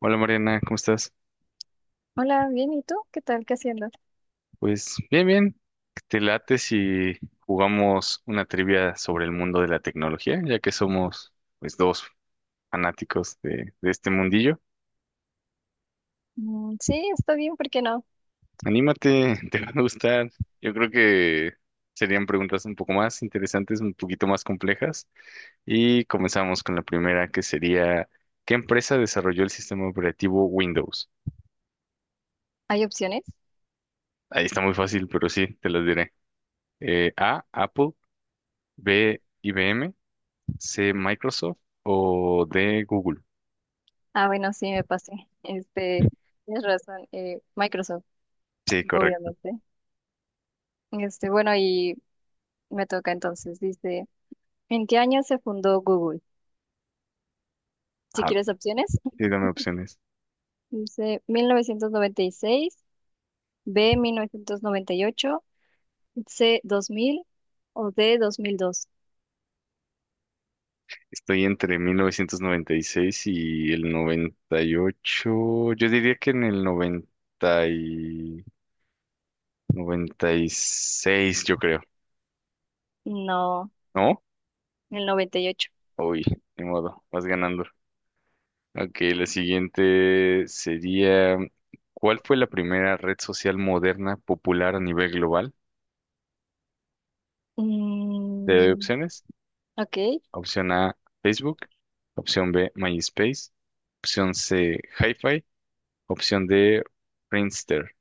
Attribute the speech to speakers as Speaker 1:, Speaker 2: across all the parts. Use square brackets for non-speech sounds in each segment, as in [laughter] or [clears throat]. Speaker 1: Hola Mariana, ¿cómo estás?
Speaker 2: Hola, bien, ¿y tú? ¿Qué tal? ¿Qué haciendo?
Speaker 1: Pues bien, bien. ¿Te late si jugamos una trivia sobre el mundo de la tecnología, ya que somos pues dos fanáticos de este mundillo?
Speaker 2: Sí, está bien, ¿por qué no?
Speaker 1: Anímate, [laughs] te va a gustar. Yo creo que serían preguntas un poco más interesantes, un poquito más complejas. Y comenzamos con la primera, que sería, ¿qué empresa desarrolló el sistema operativo Windows?
Speaker 2: ¿Hay opciones?
Speaker 1: Ahí está muy fácil, pero sí, te las diré. A, Apple, B, IBM. ¿C Microsoft o de Google?
Speaker 2: Ah, bueno, sí, me pasé. Este, tienes razón, Microsoft,
Speaker 1: Sí,
Speaker 2: sí,
Speaker 1: correcto.
Speaker 2: obviamente. Este, bueno, y me toca entonces, dice, ¿en qué año se fundó Google? Si
Speaker 1: Ah,
Speaker 2: quieres opciones, [laughs]
Speaker 1: sí, dame opciones.
Speaker 2: dice 1996. B, 1998. C, 2000. O D, 2002.
Speaker 1: Estoy entre 1996 y el 98. Yo diría que en el noventa y seis, yo creo.
Speaker 2: No,
Speaker 1: ¿No?
Speaker 2: el 98.
Speaker 1: Uy, ni modo, vas ganando. Ok, la siguiente sería, ¿cuál fue la primera red social moderna popular a nivel global? ¿Te doy
Speaker 2: Mm,
Speaker 1: opciones?
Speaker 2: ok.
Speaker 1: Opción A, Facebook. Opción B, MySpace. Opción C, Hi-Fi. Opción D, Friendster.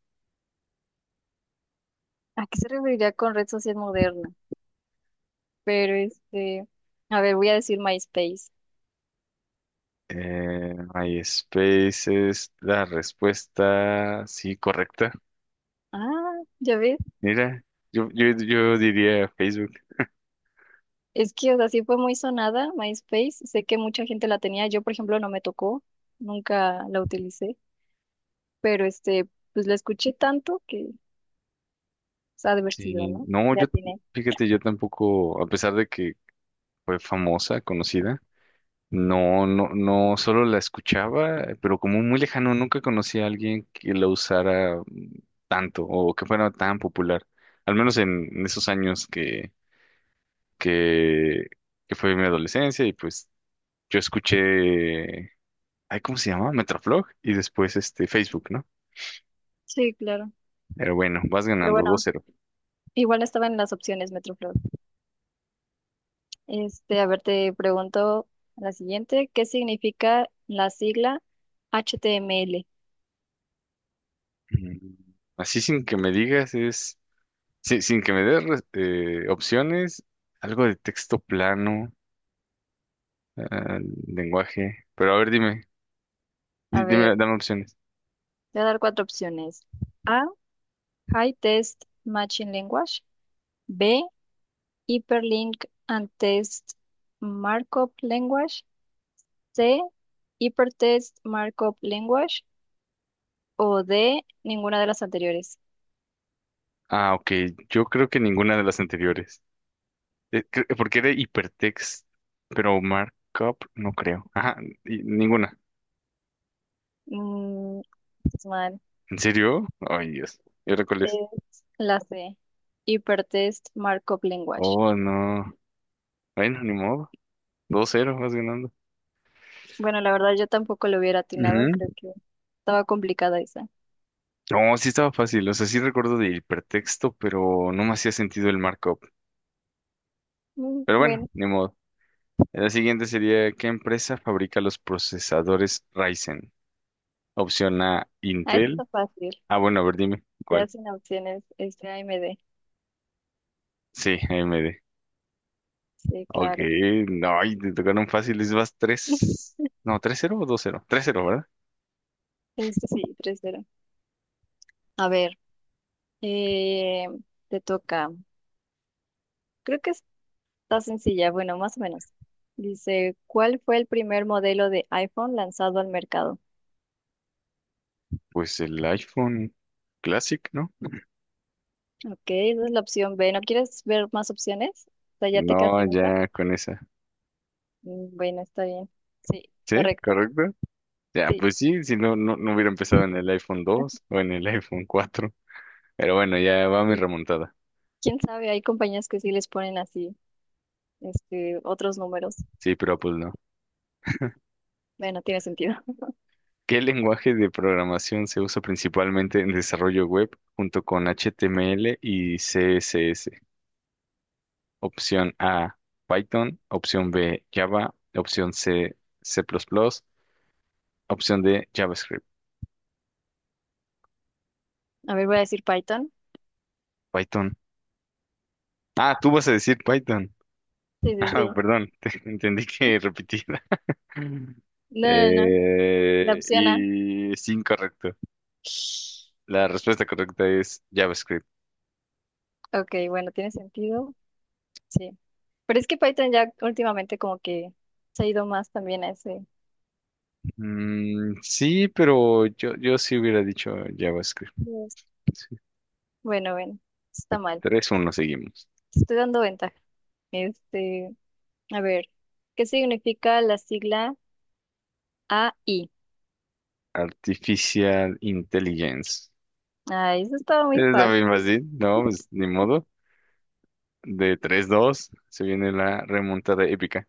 Speaker 2: ¿A qué se referiría con red social moderna? Pero este, a ver, voy a decir MySpace.
Speaker 1: MySpace es la respuesta, sí, correcta.
Speaker 2: Ah, ya ves.
Speaker 1: Mira, yo diría Facebook.
Speaker 2: Es que, o sea, sí fue muy sonada MySpace. Sé que mucha gente la tenía. Yo, por ejemplo, no me tocó. Nunca la utilicé. Pero este, pues la escuché tanto que se ha
Speaker 1: Sí,
Speaker 2: divertido, ¿no?
Speaker 1: no,
Speaker 2: La tiene.
Speaker 1: fíjate, yo tampoco, a pesar de que fue famosa, conocida. No, no, no, solo la escuchaba, pero como muy lejano, nunca conocí a alguien que la usara tanto o que fuera tan popular, al menos en esos años que, que fue mi adolescencia y pues yo escuché, ay, ¿cómo se llama? Metroflog y después este Facebook, ¿no?
Speaker 2: Sí, claro.
Speaker 1: Pero bueno, vas
Speaker 2: Pero
Speaker 1: ganando
Speaker 2: bueno,
Speaker 1: 2-0.
Speaker 2: igual estaba en las opciones Metroflog. Este, a ver, te pregunto la siguiente. ¿Qué significa la sigla HTML?
Speaker 1: Mm, Así sin que me digas es, sin que me des opciones, algo de texto plano, ah, lenguaje, pero a ver, dime.
Speaker 2: A
Speaker 1: Dime,
Speaker 2: ver,
Speaker 1: dame opciones.
Speaker 2: te voy a dar cuatro opciones. A, High Test Matching Language. B. Hyperlink and Test Markup Language. C. Hypertext Markup Language. O D. Ninguna de las anteriores.
Speaker 1: Ah, ok. Yo creo que ninguna de las anteriores. Porque era hipertext, pero markup no creo. Ah, y ninguna.
Speaker 2: Mm, es mal.
Speaker 1: ¿En serio? Ay, Dios. ¿Y ahora cuál es?
Speaker 2: Es la C. Hypertext Markup Language.
Speaker 1: Oh, no. Bueno, ni modo. Dos cero vas ganando.
Speaker 2: Bueno, la verdad yo tampoco lo hubiera atinado.
Speaker 1: Ujú.
Speaker 2: Creo que estaba complicada esa.
Speaker 1: No, sí estaba fácil. O sea, sí recuerdo de hipertexto, pero no me hacía sentido el markup.
Speaker 2: Mm,
Speaker 1: Pero bueno,
Speaker 2: bueno,
Speaker 1: ni modo. La siguiente sería, ¿qué empresa fabrica los procesadores Ryzen? Opción A,
Speaker 2: ah, esta
Speaker 1: Intel.
Speaker 2: está fácil.
Speaker 1: Ah, bueno, a ver, dime.
Speaker 2: Ya sin opciones. Este AMD.
Speaker 1: Sí, A M D.
Speaker 2: Sí,
Speaker 1: Ok,
Speaker 2: claro que.
Speaker 1: no, y te tocaron fáciles, vas
Speaker 2: [laughs]
Speaker 1: 3, no, 3-0 o 2-0, 3-0, ¿verdad?
Speaker 2: Este sí, 3-0. A ver. Eh, te toca. Creo que está sencilla, bueno, más o menos. Dice, ¿cuál fue el primer modelo de iPhone lanzado al mercado?
Speaker 1: Pues el iPhone Classic, ¿no?
Speaker 2: Ok, esa es la opción B. ¿No quieres ver más opciones? O sea, ¿ya te quedas
Speaker 1: No,
Speaker 2: con esa?
Speaker 1: ya con esa,
Speaker 2: Bueno, está bien. Sí,
Speaker 1: ¿sí?
Speaker 2: correcto.
Speaker 1: ¿Correcto? Ya,
Speaker 2: Sí.
Speaker 1: pues sí, si no, no hubiera empezado en el iPhone 2
Speaker 2: [laughs]
Speaker 1: o en el iPhone 4, pero bueno, ya va mi
Speaker 2: Sí.
Speaker 1: remontada,
Speaker 2: ¿Quién sabe? Hay compañías que sí les ponen así, este, otros números.
Speaker 1: sí, pero pues no.
Speaker 2: Bueno, tiene sentido. [laughs]
Speaker 1: ¿Qué lenguaje de programación se usa principalmente en desarrollo web junto con HTML y CSS? Opción A, Python. Opción B, Java. Opción C, C++. Opción D, JavaScript.
Speaker 2: A ver, voy a decir Python.
Speaker 1: Python. Ah, tú vas a decir Python.
Speaker 2: Sí, sí,
Speaker 1: [laughs]
Speaker 2: sí.
Speaker 1: Ah, perdón, [laughs] entendí que repetida. [laughs]
Speaker 2: No, no, no. La opción A.
Speaker 1: Y es incorrecto. La respuesta correcta es JavaScript.
Speaker 2: Ok, bueno, tiene sentido. Sí. Pero es que Python ya últimamente como que se ha ido más también a ese.
Speaker 1: Mm, sí, pero yo sí hubiera dicho JavaScript.
Speaker 2: Yes.
Speaker 1: Sí,
Speaker 2: Bueno, bueno, está
Speaker 1: bueno,
Speaker 2: mal.
Speaker 1: 3-1 seguimos.
Speaker 2: Te estoy dando ventaja. Este, a ver, ¿qué significa la sigla AI?
Speaker 1: Artificial Intelligence.
Speaker 2: Ay, eso estaba muy
Speaker 1: Es lo mismo así,
Speaker 2: fácil.
Speaker 1: no, pues ni modo. De 3-2 se viene la remontada épica.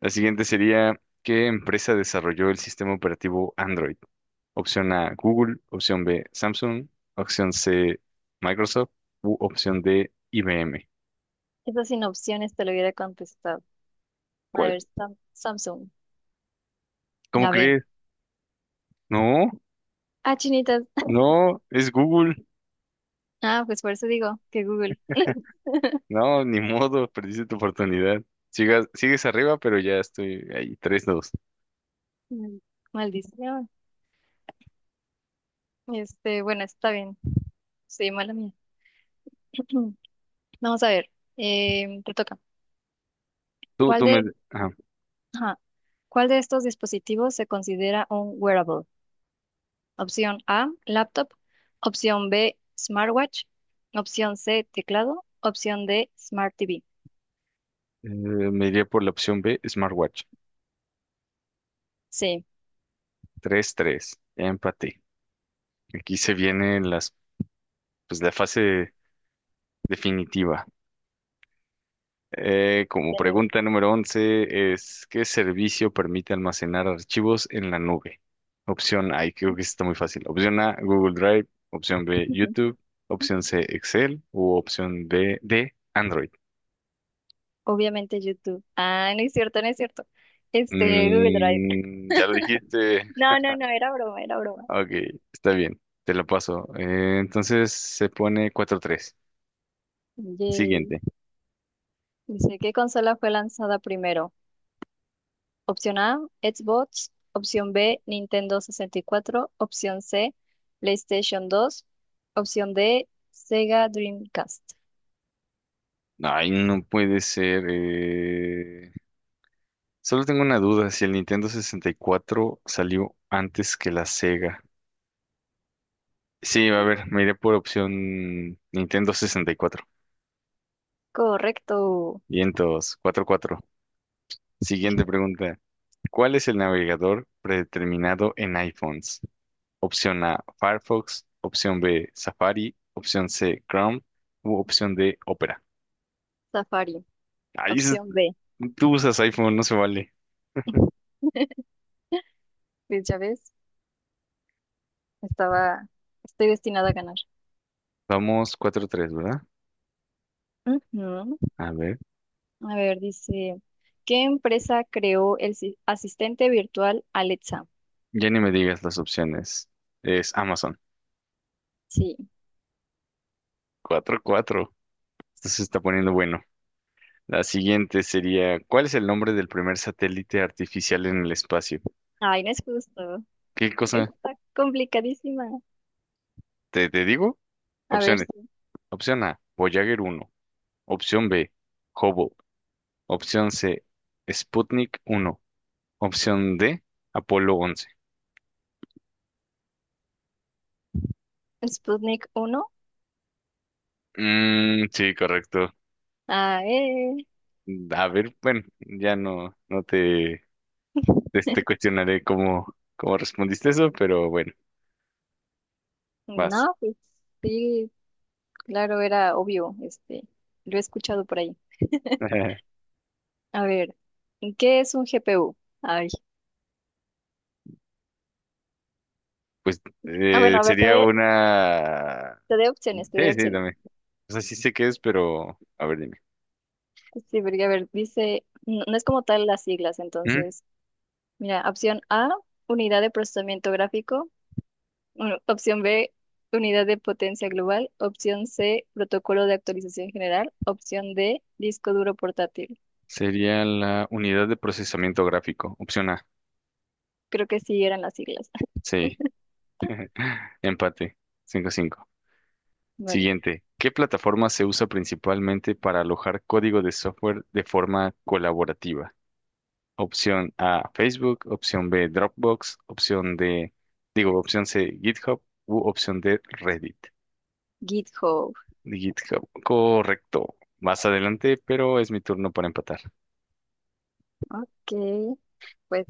Speaker 1: La siguiente sería, ¿qué empresa desarrolló el sistema operativo Android? Opción A, Google, opción B, Samsung, opción C, Microsoft u opción D, IBM.
Speaker 2: Esa sin opciones te lo hubiera contestado. A
Speaker 1: ¿Cuál?
Speaker 2: ver, Samsung,
Speaker 1: ¿Cómo
Speaker 2: la B.
Speaker 1: crees? No,
Speaker 2: Ah, chinitas. [laughs]
Speaker 1: no, es Google.
Speaker 2: Ah, pues por eso digo que Google. [laughs]
Speaker 1: No, ni modo, [laughs] perdiste tu oportunidad. Sigues arriba, pero ya estoy ahí, 3-2.
Speaker 2: Mm, Maldición. Este, bueno, está bien. Sí, mala mía. [clears throat] Vamos a ver. Te toca.
Speaker 1: Tú,
Speaker 2: ¿Cuál
Speaker 1: tú
Speaker 2: de
Speaker 1: me, ajá,
Speaker 2: Ajá. ¿Cuál de estos dispositivos se considera un wearable? Opción A, laptop. Opción B, smartwatch. Opción C, teclado. Opción D, smart TV.
Speaker 1: me iría por la opción B, Smartwatch.
Speaker 2: Sí,
Speaker 1: 3-3 ya empaté. Aquí se viene pues, la fase definitiva. Como
Speaker 2: tiene-
Speaker 1: pregunta número 11 es, ¿qué servicio permite almacenar archivos en la nube? Opción A, y creo que está muy fácil. Opción A, Google Drive. Opción B, YouTube.
Speaker 2: [laughs]
Speaker 1: Opción C, Excel. U opción D, Android.
Speaker 2: obviamente YouTube. Ah, no es cierto, no es cierto. Este, Google Drive. [laughs]
Speaker 1: Ya lo dijiste.
Speaker 2: No, no, no, era broma, era broma.
Speaker 1: Ok, está bien. Te lo paso. Entonces se pone 4-3.
Speaker 2: Yay.
Speaker 1: Siguiente.
Speaker 2: Dice, ¿qué consola fue lanzada primero? Opción A, Xbox. Opción B, Nintendo 64. Opción C, PlayStation 2. Opción D, Sega Dreamcast.
Speaker 1: Ay, no puede ser. Solo tengo una duda, si el Nintendo 64 salió antes que la Sega. Sí, a ver, me iré por opción Nintendo 64.
Speaker 2: Correcto.
Speaker 1: Vientos, 4-4. Siguiente pregunta. ¿Cuál es el navegador predeterminado en iPhones? Opción A, Firefox. Opción B, Safari. Opción C, Chrome. U opción D, Opera.
Speaker 2: Safari.
Speaker 1: Ahí es-
Speaker 2: Opción B.
Speaker 1: tú usas iPhone, no se vale.
Speaker 2: [laughs] Pues ya ves, estaba, estoy destinada a ganar.
Speaker 1: Vamos 4-3, ¿verdad?
Speaker 2: Ujú.
Speaker 1: A ver.
Speaker 2: A ver, dice, ¿qué empresa creó el asistente virtual Alexa?
Speaker 1: Ya ni me digas las opciones. Es Amazon.
Speaker 2: Sí.
Speaker 1: 4-4. Esto se está poniendo bueno. La siguiente sería, ¿cuál es el nombre del primer satélite artificial en el espacio?
Speaker 2: Ay, no es justo.
Speaker 1: ¿Qué cosa?
Speaker 2: Está complicadísima.
Speaker 1: ¿Te digo?
Speaker 2: A ver,
Speaker 1: Opciones.
Speaker 2: sí.
Speaker 1: Opción A, Voyager 1. Opción B, Hubble. Opción C, Sputnik 1. Opción D, Apolo 11.
Speaker 2: ¿Sputnik 1?
Speaker 1: Mm, sí, correcto.
Speaker 2: Ah, eh.
Speaker 1: A ver, bueno, ya no te cuestionaré cómo respondiste eso, pero bueno, vas.
Speaker 2: No, pues sí, claro, era obvio, este, lo he escuchado por ahí.
Speaker 1: [laughs]
Speaker 2: A ver, ¿qué es un GPU? Ay,
Speaker 1: Pues
Speaker 2: ah, bueno, a ver,
Speaker 1: sería una...
Speaker 2: te doy opciones, te doy
Speaker 1: Sí, sí,
Speaker 2: opciones.
Speaker 1: dame. O sea, sí sé qué es, pero a ver, dime.
Speaker 2: Sí, porque a ver, dice, no, no es como tal las siglas,
Speaker 1: ¿Mm?
Speaker 2: entonces, mira, opción A, unidad de procesamiento gráfico, u- opción B, unidad de potencia global, opción C, protocolo de actualización general, opción D, disco duro portátil.
Speaker 1: Sería la unidad de procesamiento gráfico. Opción A.
Speaker 2: Creo que sí eran las siglas.
Speaker 1: Sí. Empate. 5-5.
Speaker 2: [laughs] Vale.
Speaker 1: Siguiente. ¿Qué plataforma se usa principalmente para alojar código de software de forma colaborativa? Opción A, Facebook. Opción B, Dropbox. Opción opción C, GitHub. U opción D, Reddit.
Speaker 2: GitHub.
Speaker 1: GitHub. Correcto. Más adelante, pero es mi turno para empatar.
Speaker 2: Ok, pues.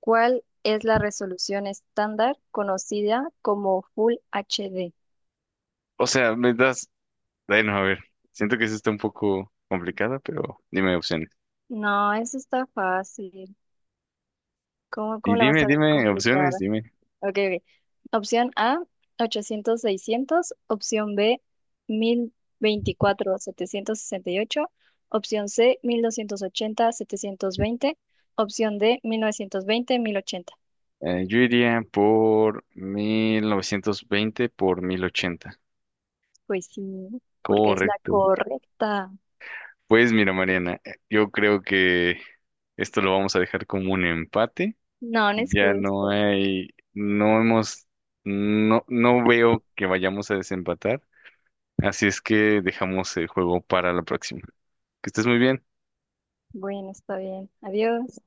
Speaker 2: ¿Cuál es la resolución estándar conocida como Full HD?
Speaker 1: O sea, me das bueno, a ver, siento que eso está un poco complicada, pero dime opciones.
Speaker 2: No, eso está fácil. ¿Cómo,
Speaker 1: Y
Speaker 2: cómo la vas a ver
Speaker 1: dime opciones,
Speaker 2: complicada?
Speaker 1: dime.
Speaker 2: Ok, ok. Opción A, 800-600. Opción B, 1024-768. Opción C, 1280-720. Opción D, 1920-1080.
Speaker 1: Yo iría por 1920x1080.
Speaker 2: Pues sí, porque es la
Speaker 1: Correcto.
Speaker 2: correcta.
Speaker 1: Pues mira, Mariana, yo creo que esto lo vamos a dejar como un empate.
Speaker 2: No, no es
Speaker 1: Ya no
Speaker 2: justo.
Speaker 1: hay, no hemos, no, no veo que vayamos a desempatar. Así es que dejamos el juego para la próxima. Que estés muy bien.
Speaker 2: Bueno, está bien. Adiós.